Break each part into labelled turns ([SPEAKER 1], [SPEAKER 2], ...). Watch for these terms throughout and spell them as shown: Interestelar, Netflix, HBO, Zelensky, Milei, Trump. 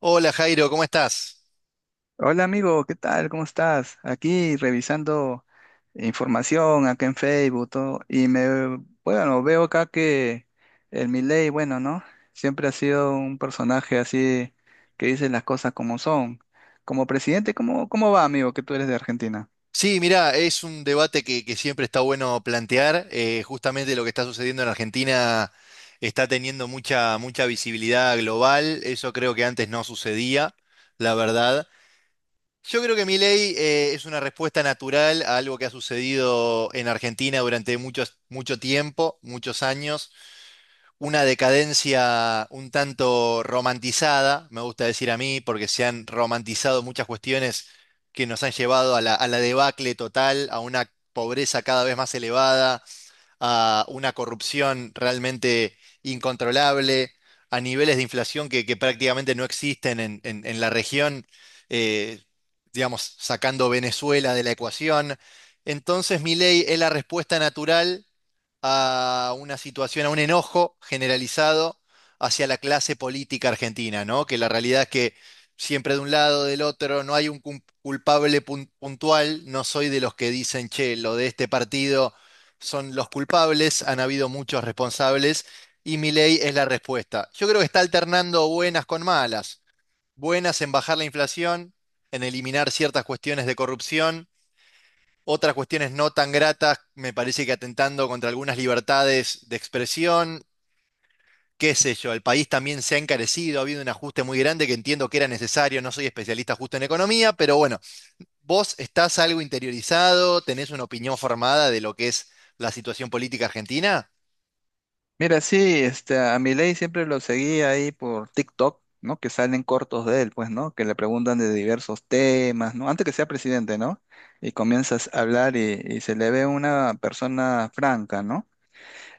[SPEAKER 1] Hola Jairo, ¿cómo estás?
[SPEAKER 2] Hola amigo, ¿qué tal? ¿Cómo estás? Aquí revisando información acá en Facebook todo, y bueno, veo acá que el Milei, bueno, ¿no? Siempre ha sido un personaje así que dice las cosas como son. Como presidente, ¿cómo va, amigo, que tú eres de Argentina?
[SPEAKER 1] Sí, mirá, es un debate que siempre está bueno plantear. Justamente lo que está sucediendo en Argentina está teniendo mucha visibilidad global. Eso creo que antes no sucedía, la verdad. Yo creo que mi ley es una respuesta natural a algo que ha sucedido en Argentina durante mucho tiempo, muchos años. Una decadencia un tanto romantizada, me gusta decir a mí, porque se han romantizado muchas cuestiones que nos han llevado a a la debacle total, a una pobreza cada vez más elevada, a una corrupción realmente incontrolable, a niveles de inflación que prácticamente no existen en la región, eh, digamos, sacando Venezuela de la ecuación. Entonces, mi ley es la respuesta natural a una situación, a un enojo generalizado hacia la clase política argentina, ¿no? Que la realidad es que siempre de un lado, del otro, no hay un culpable puntual, no soy de los que dicen, che, lo de este partido son los culpables, han habido muchos responsables y Milei es la respuesta. Yo creo que está alternando buenas con malas. Buenas en bajar la inflación, en eliminar ciertas cuestiones de corrupción, otras cuestiones no tan gratas, me parece que atentando contra algunas libertades de expresión. Qué sé yo, el país también se ha encarecido, ha habido un ajuste muy grande que entiendo que era necesario, no soy especialista justo en economía, pero bueno, vos estás algo interiorizado, tenés una opinión formada de lo que es la situación política argentina.
[SPEAKER 2] Mira, sí, este, a Milei siempre lo seguía ahí por TikTok, ¿no? Que salen cortos de él, pues, ¿no? Que le preguntan de diversos temas, ¿no? Antes que sea presidente, ¿no? Y comienzas a hablar y se le ve una persona franca, ¿no?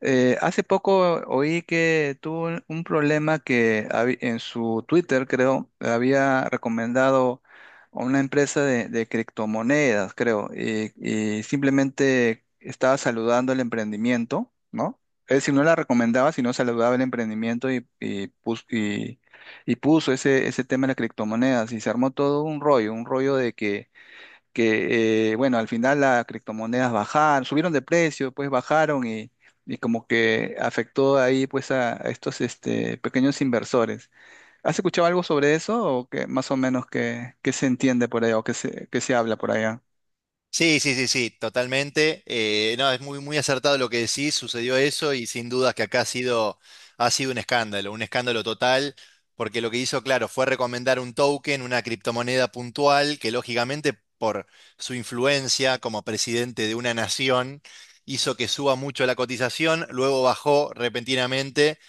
[SPEAKER 2] Hace poco oí que tuvo un problema en su Twitter, creo, había recomendado a una empresa de criptomonedas, creo, y simplemente estaba saludando el emprendimiento, ¿no? Es decir, no la recomendaba, sino saludaba el emprendimiento y puso ese tema de las criptomonedas y se armó todo un rollo de que, bueno, al final las criptomonedas bajaron, subieron de precio, pues bajaron y como que afectó ahí pues a estos este, pequeños inversores. ¿Has escuchado algo sobre eso o que más o menos se entiende por allá o qué se habla por allá?
[SPEAKER 1] Sí, sí, sí, sí, totalmente. No, es muy acertado lo que decís, sucedió eso y sin dudas que acá ha sido un escándalo total, porque lo que hizo, claro, fue recomendar un token, una criptomoneda puntual, que lógicamente por su influencia como presidente de una nación hizo que suba mucho la cotización, luego bajó repentinamente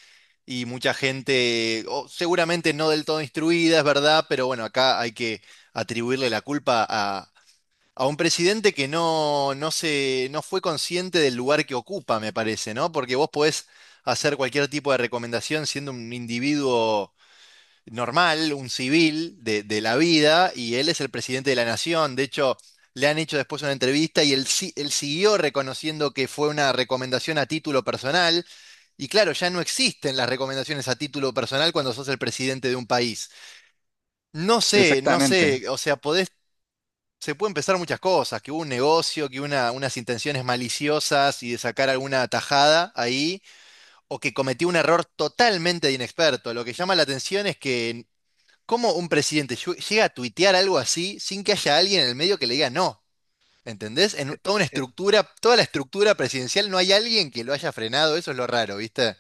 [SPEAKER 1] y mucha gente, o seguramente no del todo instruida, es verdad, pero bueno, acá hay que atribuirle la culpa a un presidente que no, no se, no fue consciente del lugar que ocupa, me parece, ¿no? Porque vos podés hacer cualquier tipo de recomendación siendo un individuo normal, un civil de la vida, y él es el presidente de la nación. De hecho, le han hecho después una entrevista y él, él siguió reconociendo que fue una recomendación a título personal. Y claro, ya no existen las recomendaciones a título personal cuando sos el presidente de un país. No sé, no
[SPEAKER 2] Exactamente.
[SPEAKER 1] sé, o sea, podés, se pueden pensar muchas cosas, que hubo un negocio, unas intenciones maliciosas y de sacar alguna tajada ahí, o que cometió un error totalmente de inexperto. Lo que llama la atención es que cómo un presidente llega a tuitear algo así sin que haya alguien en el medio que le diga no. ¿Entendés? En toda una estructura, toda la estructura presidencial no hay alguien que lo haya frenado, eso es lo raro, ¿viste?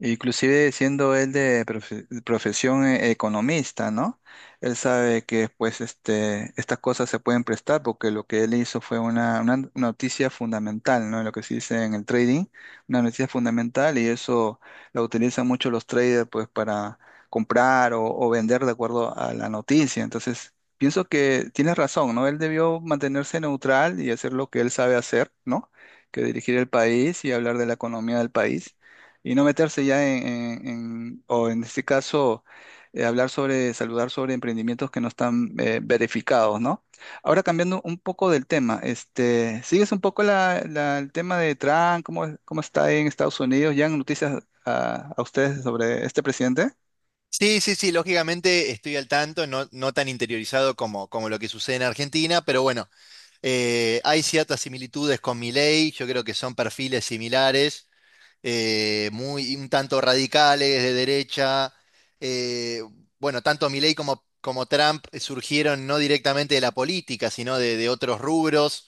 [SPEAKER 2] Inclusive siendo él de profesión, economista, ¿no? Él sabe que pues este, estas cosas se pueden prestar porque lo que él hizo fue una noticia fundamental, ¿no? Lo que se dice en el trading, una noticia fundamental y eso la utilizan mucho los traders pues para comprar o vender de acuerdo a la noticia. Entonces, pienso que tienes razón, ¿no? Él debió mantenerse neutral y hacer lo que él sabe hacer, ¿no? Que dirigir el país y hablar de la economía del país y no meterse ya o en este caso, hablar sobre, saludar sobre emprendimientos que no están verificados, ¿no? Ahora cambiando un poco del tema, este, ¿sigues un poco el tema de Trump? ¿Cómo está en Estados Unidos? ¿Ya han noticias a ustedes sobre este presidente?
[SPEAKER 1] Sí, sí, sí, lógicamente estoy al tanto, no, no tan interiorizado como lo que sucede en Argentina, pero bueno, hay ciertas similitudes con Milei, yo creo que son perfiles similares, muy un tanto radicales de derecha. eh, bueno, tanto Milei como Trump surgieron no directamente de la política, sino de otros rubros,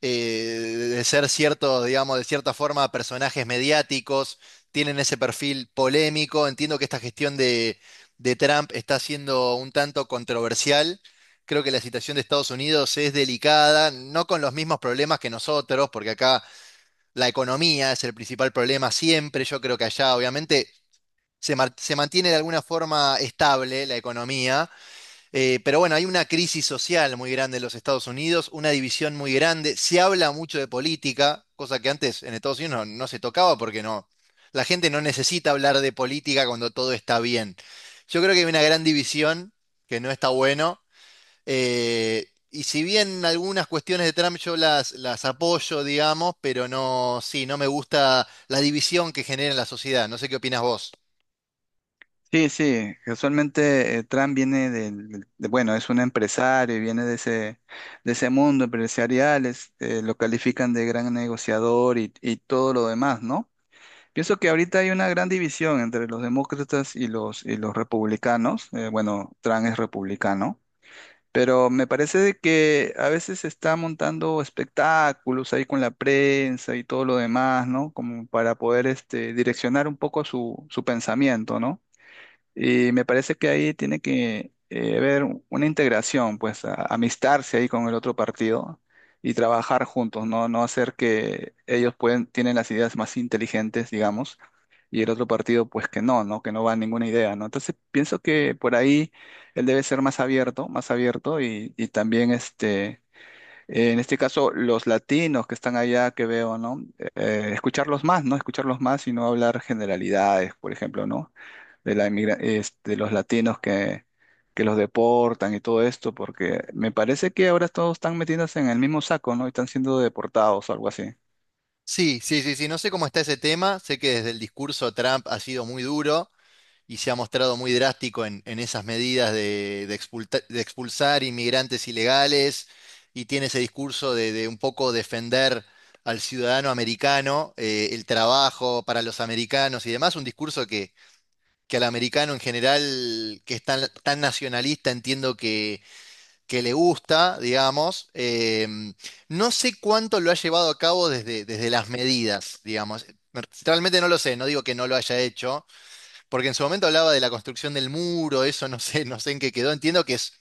[SPEAKER 1] eh, de ser cierto, digamos, de cierta forma, personajes mediáticos, tienen ese perfil polémico. Entiendo que esta gestión de Trump está siendo un tanto controversial. Creo que la situación de Estados Unidos es delicada, no con los mismos problemas que nosotros, porque acá la economía es el principal problema siempre. Yo creo que allá, obviamente, se mantiene de alguna forma estable la economía, pero bueno, hay una crisis social muy grande en los Estados Unidos, una división muy grande. Se habla mucho de política, cosa que antes en Estados Unidos no se tocaba porque no, la gente no necesita hablar de política cuando todo está bien. Yo creo que hay una gran división que no está bueno. Y si bien algunas cuestiones de Trump yo las apoyo, digamos, pero no, sí, no me gusta la división que genera en la sociedad. No sé qué opinas vos.
[SPEAKER 2] Sí, sí, casualmente Trump viene bueno, es un empresario y viene de ese mundo empresarial, lo califican de gran negociador y todo lo demás, ¿no? Pienso que ahorita hay una gran división entre los demócratas y los republicanos. Bueno, Trump es republicano, pero me parece de que a veces se está montando espectáculos ahí con la prensa y todo lo demás, ¿no? Como para poder este, direccionar un poco su pensamiento, ¿no? Y me parece que ahí tiene que haber una integración, pues amistarse ahí con el otro partido y trabajar juntos, ¿no? No hacer que ellos pueden, tienen las ideas más inteligentes, digamos, y el otro partido pues que no, ¿no? Que no va a ninguna idea, ¿no? Entonces pienso que por ahí él debe ser más abierto y también este, en este caso los latinos que están allá que veo, ¿no? Escucharlos más, ¿no? Escucharlos más y no hablar generalidades, por ejemplo, ¿no? Este, los latinos que los deportan y todo esto, porque me parece que ahora todos están metiéndose en el mismo saco, ¿no? Y están siendo deportados o algo así.
[SPEAKER 1] Sí, sí, sí, sí, no sé cómo está ese tema, sé que desde el discurso Trump ha sido muy duro y se ha mostrado muy drástico en esas medidas de de expulsar inmigrantes ilegales y tiene ese discurso de un poco defender al ciudadano americano, el trabajo para los americanos y demás, un discurso que al americano en general, que es tan nacionalista, entiendo que le gusta, digamos. No sé cuánto lo ha llevado a cabo desde las medidas, digamos. Realmente no lo sé, no digo que no lo haya hecho, porque en su momento hablaba de la construcción del muro, eso no sé, no sé en qué quedó. Entiendo que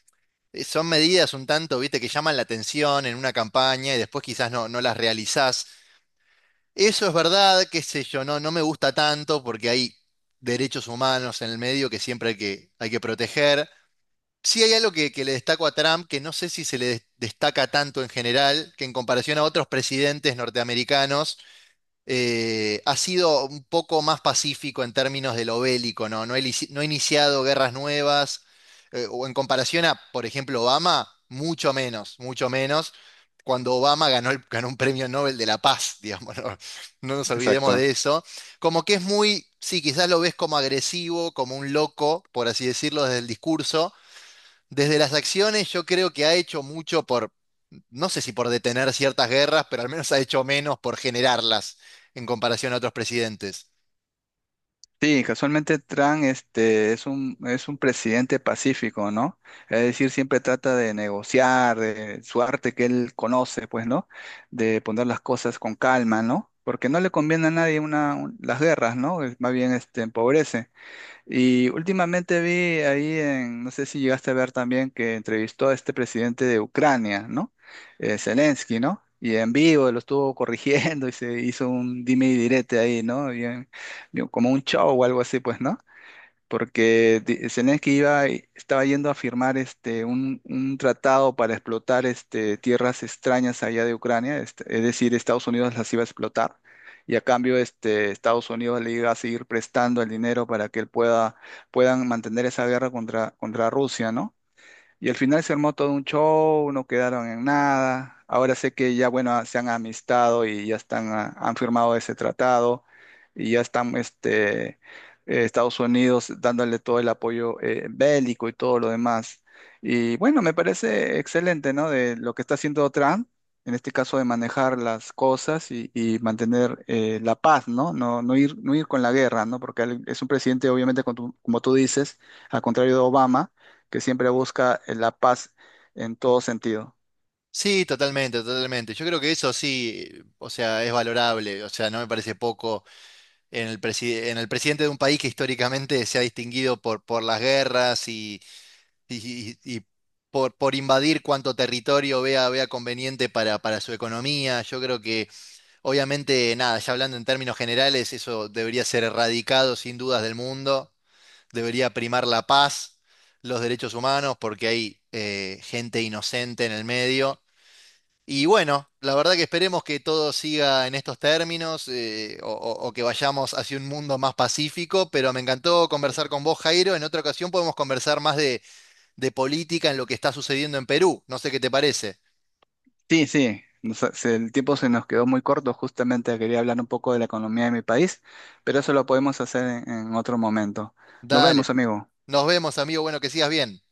[SPEAKER 1] son medidas un tanto, viste, que llaman la atención en una campaña y después quizás no, no las realizás. Eso es verdad, qué sé yo, no, no me gusta tanto porque hay derechos humanos en el medio que siempre hay hay que proteger. Sí hay algo que le destaco a Trump, que no sé si se le destaca tanto en general, que en comparación a otros presidentes norteamericanos, ha sido un poco más pacífico en términos de lo bélico, ¿no? No ha, no ha iniciado guerras nuevas, o en comparación a, por ejemplo, Obama, mucho menos, cuando Obama ganó, ganó un premio Nobel de la Paz, digamos, no. No nos olvidemos
[SPEAKER 2] Exacto.
[SPEAKER 1] de eso. Como que es muy, sí, quizás lo ves como agresivo, como un loco, por así decirlo, desde el discurso, desde las acciones yo creo que ha hecho mucho por, no sé si por detener ciertas guerras, pero al menos ha hecho menos por generarlas en comparación a otros presidentes.
[SPEAKER 2] Sí, casualmente Trump este, es un presidente pacífico, ¿no? Es decir, siempre trata de negociar, de su arte que él conoce, pues, ¿no? De poner las cosas con calma, ¿no? Porque no le conviene a nadie las guerras, ¿no? Más bien este, empobrece. Y últimamente vi ahí no sé si llegaste a ver también que entrevistó a este presidente de Ucrania, ¿no? Zelensky, ¿no? Y en vivo lo estuvo corrigiendo y se hizo un dime y direte ahí, ¿no? Bien, bien, como un show o algo así, pues, ¿no? Porque Zelensky estaba yendo a firmar este, un tratado para explotar este, tierras extrañas allá de Ucrania, este, es decir, Estados Unidos las iba a explotar y a cambio este, Estados Unidos le iba a seguir prestando el dinero para que puedan mantener esa guerra contra Rusia, ¿no? Y al final se armó todo un show, no quedaron en nada. Ahora sé que ya, bueno, ah, se han amistado y ya están, ah, han firmado ese tratado y ya están, este, Estados Unidos dándole todo el apoyo bélico y todo lo demás. Y bueno, me parece excelente, ¿no? De lo que está haciendo Trump, en este caso de manejar las cosas y mantener, la paz, ¿no? No, no ir, no ir con la guerra, ¿no? Porque él es un presidente, obviamente, como tú dices, al contrario de Obama, que siempre busca la paz en todo sentido.
[SPEAKER 1] Sí, totalmente, totalmente. Yo creo que eso sí, o sea, es valorable, o sea, no me parece poco en el en el presidente de un país que históricamente se ha distinguido por las guerras y, y por invadir cuanto territorio vea conveniente para su economía. Yo creo que obviamente, nada, ya hablando en términos generales, eso debería ser erradicado sin dudas del mundo, debería primar la paz, los derechos humanos, porque hay gente inocente en el medio. Y bueno, la verdad que esperemos que todo siga en estos términos, o que vayamos hacia un mundo más pacífico, pero me encantó conversar con vos, Jairo. En otra ocasión podemos conversar más de política en lo que está sucediendo en Perú. No sé qué te parece.
[SPEAKER 2] Sí, sí, el tiempo se nos quedó muy corto, justamente quería hablar un poco de la economía de mi país, pero eso lo podemos hacer en otro momento. Nos
[SPEAKER 1] Dale,
[SPEAKER 2] vemos, amigo.
[SPEAKER 1] nos vemos, amigo. Bueno, que sigas bien.